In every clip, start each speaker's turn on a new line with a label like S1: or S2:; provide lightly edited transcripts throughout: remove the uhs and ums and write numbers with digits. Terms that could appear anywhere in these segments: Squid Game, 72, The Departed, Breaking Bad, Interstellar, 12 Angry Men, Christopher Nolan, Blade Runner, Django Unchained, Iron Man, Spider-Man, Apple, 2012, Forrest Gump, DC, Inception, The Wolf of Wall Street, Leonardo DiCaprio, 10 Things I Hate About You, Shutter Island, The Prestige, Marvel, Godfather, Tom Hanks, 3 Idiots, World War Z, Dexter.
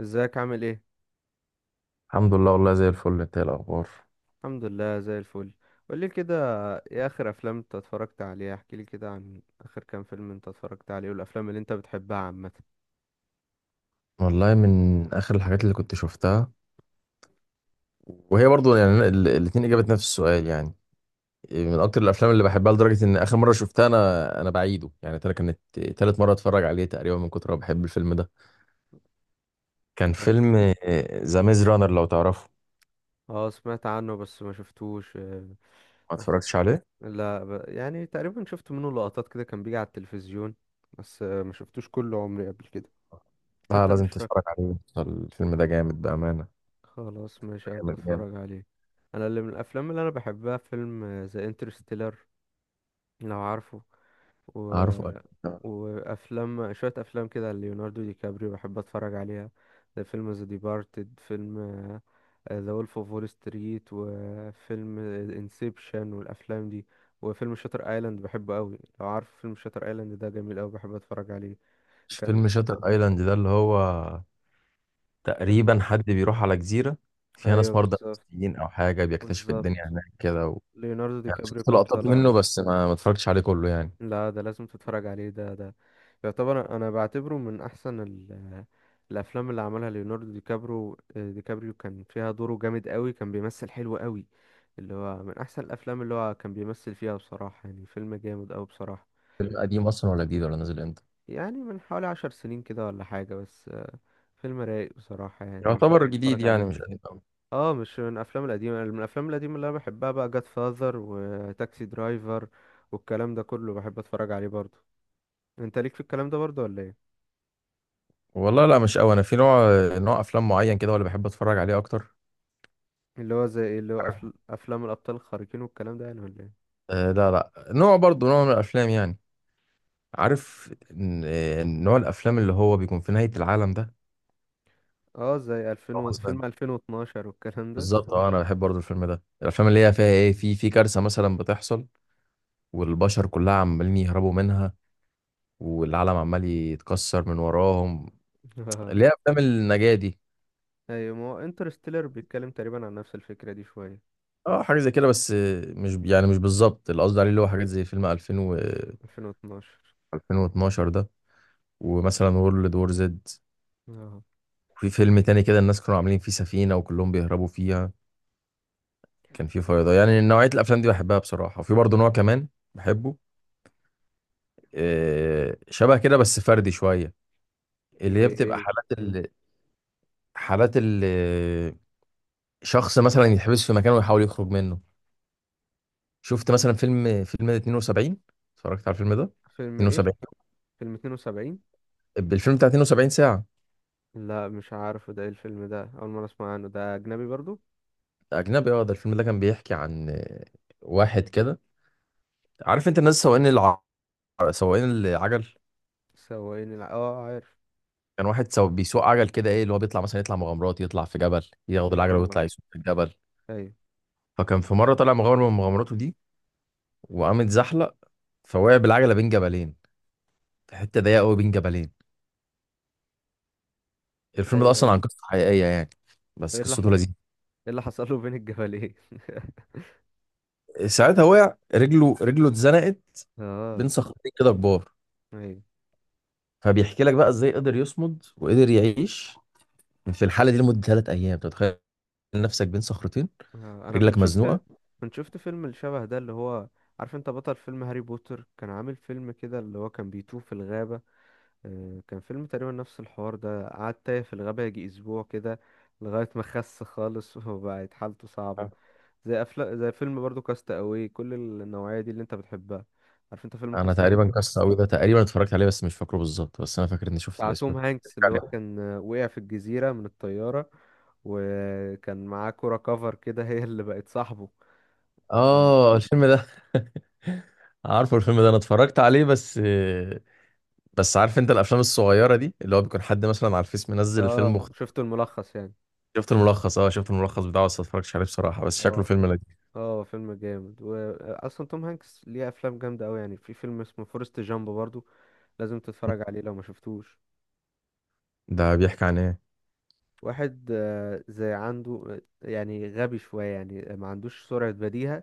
S1: ازيك؟ عامل ايه؟
S2: الحمد لله والله زي الفل، انت ايه الاخبار؟
S1: الحمد لله، زي الفل. قولي كده. ايه اخر افلام انت اتفرجت عليها؟ احكي لي كده عن اخر كام فيلم انت اتفرجت عليه والافلام اللي انت بتحبها عامه.
S2: والله من اخر الحاجات اللي كنت شفتها، وهي برضو يعني الاثنين اجابه نفس السؤال يعني، من اكتر الافلام اللي بحبها لدرجه ان اخر مره شفتها، انا بعيده يعني ترى كانت تالت مره اتفرج عليه تقريبا من كتر ما بحب الفيلم ده، كان فيلم ذا ميز رانر لو تعرفه.
S1: اه، سمعت عنه بس ما شفتوش.
S2: ما
S1: بس.
S2: اتفرجتش عليه.
S1: لا، يعني تقريبا شفت منه لقطات كده، كان بيجي على التلفزيون. بس ما شفتوش كل عمري قبل كده.
S2: لا،
S1: حتى مش
S2: لازم
S1: فاكر.
S2: تتفرج عليه، الفيلم ده جامد بامانه.
S1: خلاص، ماشي، هبقى
S2: جامد جامد.
S1: اتفرج عليه. انا اللي من الافلام اللي انا بحبها فيلم ذا انترستيلر، لو عارفه. و...
S2: عارفه اكيد.
S1: وافلام، شويه افلام كده ليوناردو دي كابريو بحب اتفرج عليها، زي فيلم ذا ديبارتد، فيلم ذا وولف اوف وول ستريت، وفيلم انسبشن والافلام دي. وفيلم شاتر ايلاند بحبه قوي، لو عارف فيلم شاتر ايلاند ده جميل قوي، بحب اتفرج عليه.
S2: مش
S1: كان.
S2: فيلم شاتر ايلاند ده اللي هو تقريبا حد بيروح على جزيرة فيها ناس
S1: ايوه،
S2: مرضى
S1: بالظبط،
S2: نفسيين أو حاجة، بيكتشف الدنيا
S1: بالظبط.
S2: هناك كده و...
S1: ليوناردو دي
S2: يعني
S1: كابريو
S2: شفت
S1: كان
S2: لقطات
S1: طالع.
S2: منه بس ما اتفرجتش عليه كله يعني.
S1: لا، ده لازم تتفرج عليه، ده. يعتبر، انا بعتبره من احسن الافلام اللي عملها ليوناردو دي كابريو، كان فيها دوره جامد قوي، كان بيمثل حلو قوي. اللي هو من احسن الافلام اللي هو كان بيمثل فيها بصراحة، يعني فيلم جامد قوي بصراحة.
S2: فيلم قديم اصلا ولا جديد ولا نازل امتى؟
S1: يعني من حوالي 10 سنين كده ولا حاجة، بس. فيلم رايق بصراحة، يعني لازم
S2: يعتبر جديد
S1: تتفرج
S2: يعني
S1: عليه.
S2: مش قديم أوي.
S1: اه، مش من الافلام القديمة. من الافلام القديمة اللي انا بحبها بقى جاد فاذر وتاكسي درايفر، والكلام ده كله بحب اتفرج عليه برضه. انت ليك في الكلام ده برضه ولا ايه؟
S2: والله لا، مش أوي، أنا في نوع أفلام معين كده ولا بحب أتفرج عليه أكتر.
S1: اللي هو زي ايه؟ اللي هو افلام الابطال الخارقين والكلام ده، يعني ولا ايه؟
S2: آه لا لا، نوع برضه نوع من الأفلام يعني، عارف إن- نوع الأفلام اللي هو بيكون في نهاية العالم ده، اللي
S1: اه، زي 2000
S2: هو مثلا،
S1: فيلم 2012 والكلام ده.
S2: بالظبط اه، انا بحب برضه الفيلم ده، الافلام اللي هي فيها ايه، في كارثه مثلا بتحصل، والبشر كلها عمالين يهربوا منها، والعالم عمال يتكسر من وراهم،
S1: اه.
S2: اللي هي افلام النجاة دي.
S1: ايوه، ما هو انترستيلر بيتكلم تقريبا عن نفس الفكرة دي شوية.
S2: اه حاجه زي كده، بس مش يعني مش بالظبط اللي قصدي عليه، اللي هو حاجات زي فيلم 2000 و
S1: 2012.
S2: 2012 ده، ومثلا وورلد وور زد،
S1: اه،
S2: وفي فيلم تاني كده الناس كانوا عاملين فيه سفينه وكلهم بيهربوا فيها، كان فيه فيضان، يعني نوعيه الافلام دي بحبها بصراحه، وفي برضه نوع كمان بحبه، شبه كده بس فردي شويه، اللي
S1: زي
S2: هي بتبقى
S1: ايه؟
S2: حالات ال... حالات ال... شخص مثلا يتحبس في مكان ويحاول يخرج منه. شفت مثلا فيلم 72. اتفرجت على الفيلم ده.
S1: فيلم ايه؟
S2: 72.
S1: فيلم 72؟
S2: الفيلم بتاع 72 ساعة.
S1: لا، مش عارف ده ايه الفيلم ده، اول مرة اسمع عنه، ده اجنبي برضه؟
S2: أجنبي اه، ده الفيلم ده كان بيحكي عن واحد كده، عارف أنت الناس سواقين الع... سواقين العجل.
S1: اه، عارف.
S2: كان واحد سو... بيسوق عجل كده، إيه اللي هو بيطلع مثلا يطلع مغامرات، يطلع في جبل ياخد العجلة
S1: اه.
S2: ويطلع يسوق في الجبل.
S1: ايوه.
S2: فكان في مرة طلع مغامرة من مغامراته دي، وقام اتزحلق، فوقع بالعجلة بين جبلين، في حتة ضيقة قوي بين جبلين. الفيلم ده
S1: ايوه. ايه
S2: أصلا عن
S1: اللي
S2: قصة حقيقية يعني، بس قصته لذيذة.
S1: ايه اللي حصل له بين الجبلين؟
S2: ساعتها وقع رجله اتزنقت بين
S1: اه.
S2: صخرتين كده كبار،
S1: ايوه.
S2: فبيحكي لك بقى ازاي قدر يصمد وقدر يعيش في الحاله دي لمده 3 ايام. أنت متخيل نفسك بين صخرتين،
S1: انا كنت
S2: رجلك مزنوقه؟
S1: شفت كنت شفت فيلم الشبه ده، اللي هو عارف انت بطل فيلم هاري بوتر كان عامل فيلم كده، اللي هو كان بيتوه في الغابة؟ كان فيلم تقريبا نفس الحوار ده، قعد تايه في الغابة يجي اسبوع كده، لغاية ما خس خالص. وبقت حالته صعبة. زي فيلم برضو كاست اواي، كل النوعية دي اللي انت بتحبها. عارف انت فيلم
S2: انا
S1: كاست اواي؟
S2: تقريبا كاس قوي ده، تقريبا اتفرجت عليه بس مش فاكره بالظبط، بس انا فاكر اني شفت
S1: بتاع
S2: الاسم
S1: توم
S2: ده
S1: هانكس،
S2: بيحكي
S1: اللي هو
S2: عليه.
S1: كان وقع في الجزيرة من الطيارة، وكان معاه كرة كفر كده، هي اللي بقت صاحبه. مم.
S2: اه الفيلم ده. عارفه الفيلم ده انا اتفرجت عليه، بس عارف انت الافلام الصغيره دي اللي هو بيكون حد مثلا على الفيس منزل الفيلم
S1: اه،
S2: مخ...
S1: شفته الملخص يعني.
S2: شفت الملخص، شفت الملخص بتاعه بس ما اتفرجتش عليه بصراحه،
S1: اه.
S2: بس شكله فيلم
S1: فيلم-
S2: لذيذ.
S1: اه، فيلم جامد، واصلا توم هانكس ليه افلام جامده قوي، يعني في فيلم اسمه فورست جامب برضو، لازم تتفرج عليه لو ما شفتوش.
S2: ده بيحكي عن ايه؟
S1: واحد زي عنده، يعني غبي شويه، يعني ما عندوش سرعه بديهه،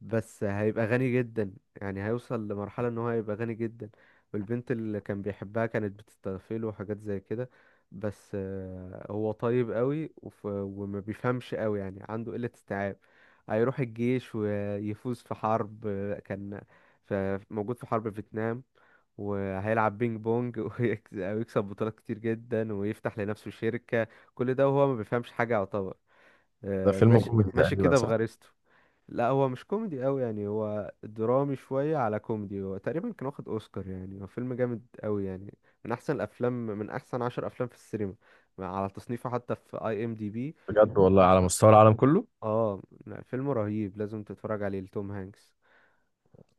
S1: بس هيبقى غني جدا، يعني هيوصل لمرحلة ان هو هيبقى غني جدا، والبنت اللي كان بيحبها كانت بتستغفله وحاجات زي كده. بس هو طيب قوي وما بيفهمش قوي، يعني عنده قلة استيعاب. هيروح الجيش ويفوز في حرب، كان ف- موجود في حرب فيتنام، وهيلعب بينج بونج. ويكسب بطولات كتير جدا، ويفتح لنفسه شركة. كل ده وهو ما بيفهمش حاجة يعتبر،
S2: ده فيلم
S1: ماشي،
S2: كوميدي
S1: ماشي
S2: تقريبا،
S1: كده
S2: صح؟
S1: بغريزته. لا، هو مش كوميدي قوي، يعني هو درامي شوية على كوميدي، هو تقريبا كان واخد اوسكار، يعني هو فيلم جامد قوي يعني. من احسن الافلام، من احسن 10 افلام في السينما، على تصنيفه حتى في اي ام دي بي.
S2: بجد والله على
S1: احسن.
S2: مستوى العالم كله.
S1: اه. لا، فيلم رهيب لازم تتفرج عليه لتوم هانكس.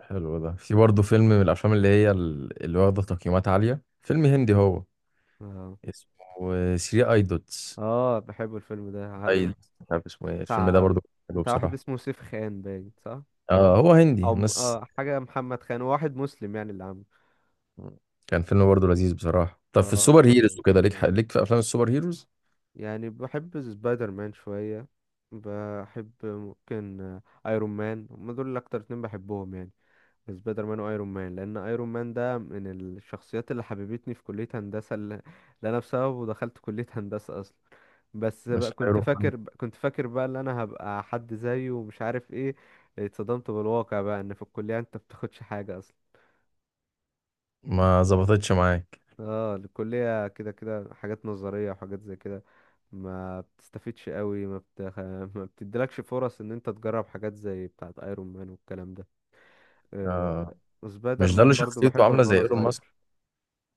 S2: حلو، ده في برضه فيلم من الافلام اللي هي ال- اللي واخده تقييمات عاليه، فيلم هندي هو،
S1: اه.
S2: اسمه 3 اي دوتس.
S1: اه، بحب الفيلم ده، عارف؟
S2: مش عارف اسمه ايه الفيلم ده
S1: بتاع
S2: برضه. حلو
S1: بتاع واحد
S2: بصراحه.
S1: اسمه سيف خان، باين؟ صح.
S2: اه هو هندي ناس.
S1: اه، حاجة محمد خان، هو واحد مسلم يعني اللي عامله.
S2: كان فيلم برضه لذيذ بصراحه. طب في
S1: اه،
S2: السوبر
S1: فيلم
S2: هيروز
S1: رايق.
S2: وكده، ليك في افلام السوبر هيروز؟
S1: يعني بحب سبايدر مان شوية، بحب ممكن ايرون مان، هما دول اكتر اتنين بحبهم يعني، سبايدر مان وايرون مان، لان ايرون مان ده من الشخصيات اللي حببتني في كلية هندسة، اللي انا بسببه دخلت كلية هندسة اصلا. بس بقى
S2: مش
S1: كنت
S2: هيروح.
S1: فاكر كنت فاكر بقى ان انا هبقى حد زيه ومش عارف ايه. اتصدمت بالواقع بقى، ان في الكلية انت بتاخدش حاجة.
S2: ما ظبطتش معاك.
S1: اه، الكلية كده كده حاجات نظرية وحاجات زي كده، ما بتستفيدش قوي، ما, بتخ... ما بتديلكش فرص ان انت تجرب حاجات زي بتاعة ايرون مان والكلام ده. آه...
S2: آه
S1: سبايدر
S2: مش ده اللي
S1: مان برضو
S2: شخصيته
S1: بحبه
S2: عامله
S1: من
S2: زي
S1: وانا
S2: ايلون ماسك،
S1: صغير.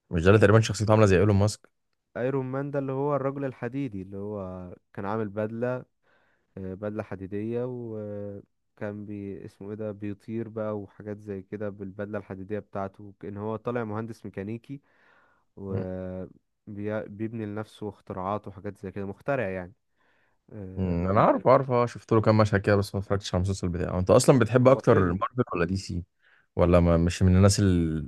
S2: مش ده اللي تقريبا شخصيته عامله زي ايلون ماسك؟
S1: ايرون مان ده اللي هو الرجل الحديدي، اللي هو كان عامل بدلة، بدلة حديدية، وكان بي اسمه ايه ده بيطير بقى وحاجات زي كده بالبدلة الحديدية بتاعته، كأن هو طالع مهندس ميكانيكي. و بيبني لنفسه اختراعات وحاجات زي كده، مخترع يعني. آه،
S2: انا عارف عارف، شفت له كام مشهد كده بس ما اتفرجتش على المسلسل بتاعه. انت اصلا بتحب
S1: هو
S2: اكتر
S1: فيلم.
S2: مارفل ولا دي سي، ولا ما مش من الناس ال-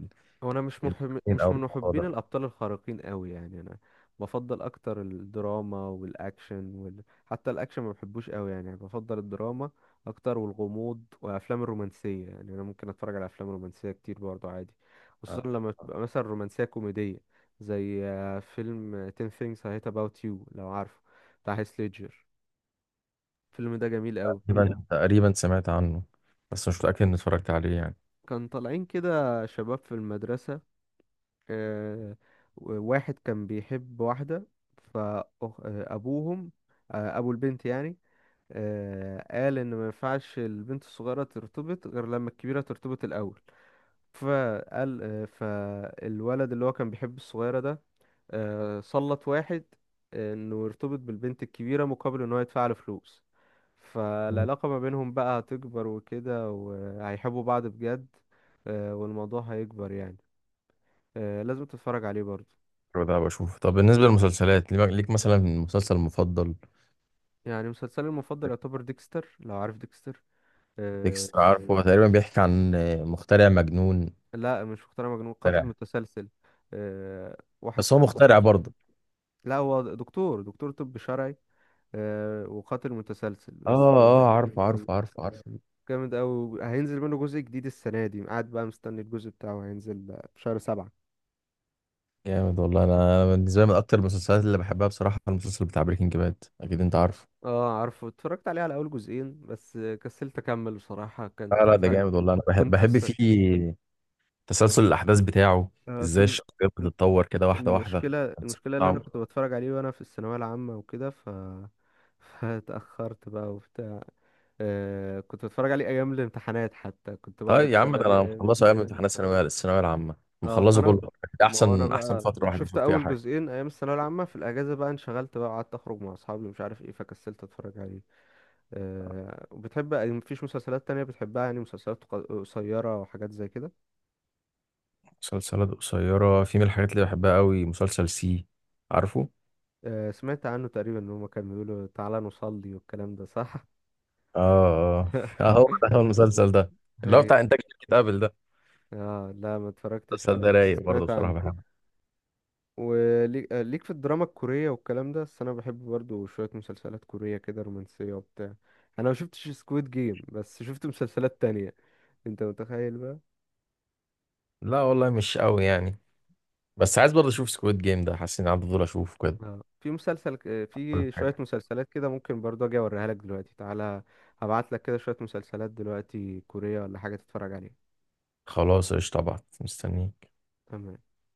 S1: هو انا
S2: الاثنين
S1: مش
S2: او
S1: من
S2: الموضوع
S1: محبين
S2: ده؟
S1: الابطال الخارقين قوي يعني، انا بفضل اكتر الدراما والاكشن حتى الاكشن ما بحبوش قوي يعني بفضل الدراما اكتر، والغموض والافلام الرومانسيه، يعني انا ممكن اتفرج على افلام رومانسيه كتير برضو عادي،
S2: آه،
S1: خصوصا لما تبقى مثلا رومانسيه كوميديه، زي فيلم 10 things I hate about you، لو عارفه، بتاع هيث ليدجر. الفيلم ده جميل قوي.
S2: تقريبا سمعت عنه بس مش متاكد اني اتفرجت عليه يعني.
S1: كان طالعين كده شباب في المدرسه، آه، واحد كان بيحب واحدة، فأبوهم، أبو البنت يعني، قال إن ما ينفعش البنت الصغيرة ترتبط غير لما الكبيرة ترتبط الأول. فقال، فالولد اللي هو كان بيحب الصغيرة ده، سلط واحد إنه يرتبط بالبنت الكبيرة مقابل إن هو يدفع له فلوس.
S2: مم.
S1: فالعلاقة ما بينهم بقى هتكبر وكده وهيحبوا بعض بجد، والموضوع هيكبر يعني، لازم تتفرج عليه برضه.
S2: حلو ده بشوف. طب بالنسبه للمسلسلات، ليك مثلا مسلسل مفضل؟
S1: يعني مسلسلي المفضل يعتبر ديكستر، لو عارف ديكستر. آه.
S2: ديكستر عارفه، هو تقريبا بيحكي عن مخترع مجنون.
S1: لا، مش مقتنع مجنون، قاتل
S2: مخترع.
S1: متسلسل. آه، واحد
S2: بس
S1: في
S2: هو
S1: الطب
S2: مخترع
S1: الشرعي.
S2: برضه.
S1: لا، هو دكتور طب شرعي، آه، وقاتل متسلسل بس.
S2: اه
S1: جامد
S2: اه، عارفه
S1: قوي،
S2: عارفه عارفه عارفه.
S1: جامد قوي. هينزل منه جزء جديد السنة دي، قاعد بقى مستني الجزء بتاعه هينزل في شهر سبعة.
S2: جامد والله، انا بالنسبه لي من اكتر المسلسلات اللي بحبها بصراحه المسلسل بتاع بريكنج باد، اكيد انت عارف.
S1: اه، عارفه، اتفرجت عليه على اول جزئين بس، كسلت اكمل بصراحة،
S2: لا
S1: كانت.
S2: لا، ده جامد والله، انا بحب
S1: كنت
S2: بحب
S1: أس...
S2: فيه تسلسل الاحداث بتاعه،
S1: أس...
S2: ازاي الشخصيات بتتطور كده واحده واحده.
S1: المشكلة اللي أنا
S2: صعب.
S1: كنت بتفرج عليه وأنا في الثانوية العامة وكده، فاتأخرت بقى وبتاع، آه، كنت بتفرج عليه أيام الامتحانات، حتى كنت بقعد
S2: طيب يا عم،
S1: أتسلى
S2: ده
S1: بيه
S2: انا
S1: أيام
S2: مخلصه ايام
S1: الامتحانات.
S2: امتحانات الثانويه العامه،
S1: اه،
S2: مخلصه
S1: فأنا،
S2: كله.
S1: ما هو أنا
S2: احسن، احسن
S1: بقى
S2: فتره الواحد
S1: شفت
S2: يشوف فيها
S1: أول
S2: حاجه.
S1: جزئين أيام الثانوية العامة، في الأجازة بقى انشغلت بقى قعدت أخرج مع أصحابي ومش عارف إيه، فكسلت أتفرج عليه. آه، وبتحب، مفيش مسلسلات تانية بتحبها يعني، مسلسلات قصيرة وحاجات زي كده؟
S2: مسلسلات قصيرة، في من الحاجات اللي بحبها قوي مسلسل سي، عارفه.
S1: آه، سمعت عنه تقريبا، إن هما كانوا بيقولوا تعالى نصلي والكلام ده، صح؟
S2: اه. اه هو ده، هو المسلسل ده اللي هو
S1: هي.
S2: بتاع انتاج شركه ابل ده.
S1: اه، لا ما اتفرجتش
S2: المسلسل
S1: عليه،
S2: ده رايق
S1: بس
S2: برضه
S1: سمعت
S2: بصراحه،
S1: عنه.
S2: بحبه.
S1: وليك آه، ليك في الدراما الكورية والكلام ده؟ بس انا بحب برضو شوية مسلسلات كورية كده رومانسية وبتاع، انا ما شفتش سكويد جيم بس شفت مسلسلات تانية، انت متخيل بقى.
S2: لا والله مش قوي يعني، بس عايز برضه اشوف سكويد جيم ده، حاسس اني عندي فضول اشوفه.
S1: اه، في مسلسل في شوية
S2: كده.
S1: مسلسلات كده، ممكن برضو اجي اوريها لك دلوقتي، تعالى هبعت لك كده شوية مسلسلات دلوقتي كورية ولا حاجة تتفرج عليها.
S2: خلاص، قشطة، طبعا مستنيك.
S1: تمام.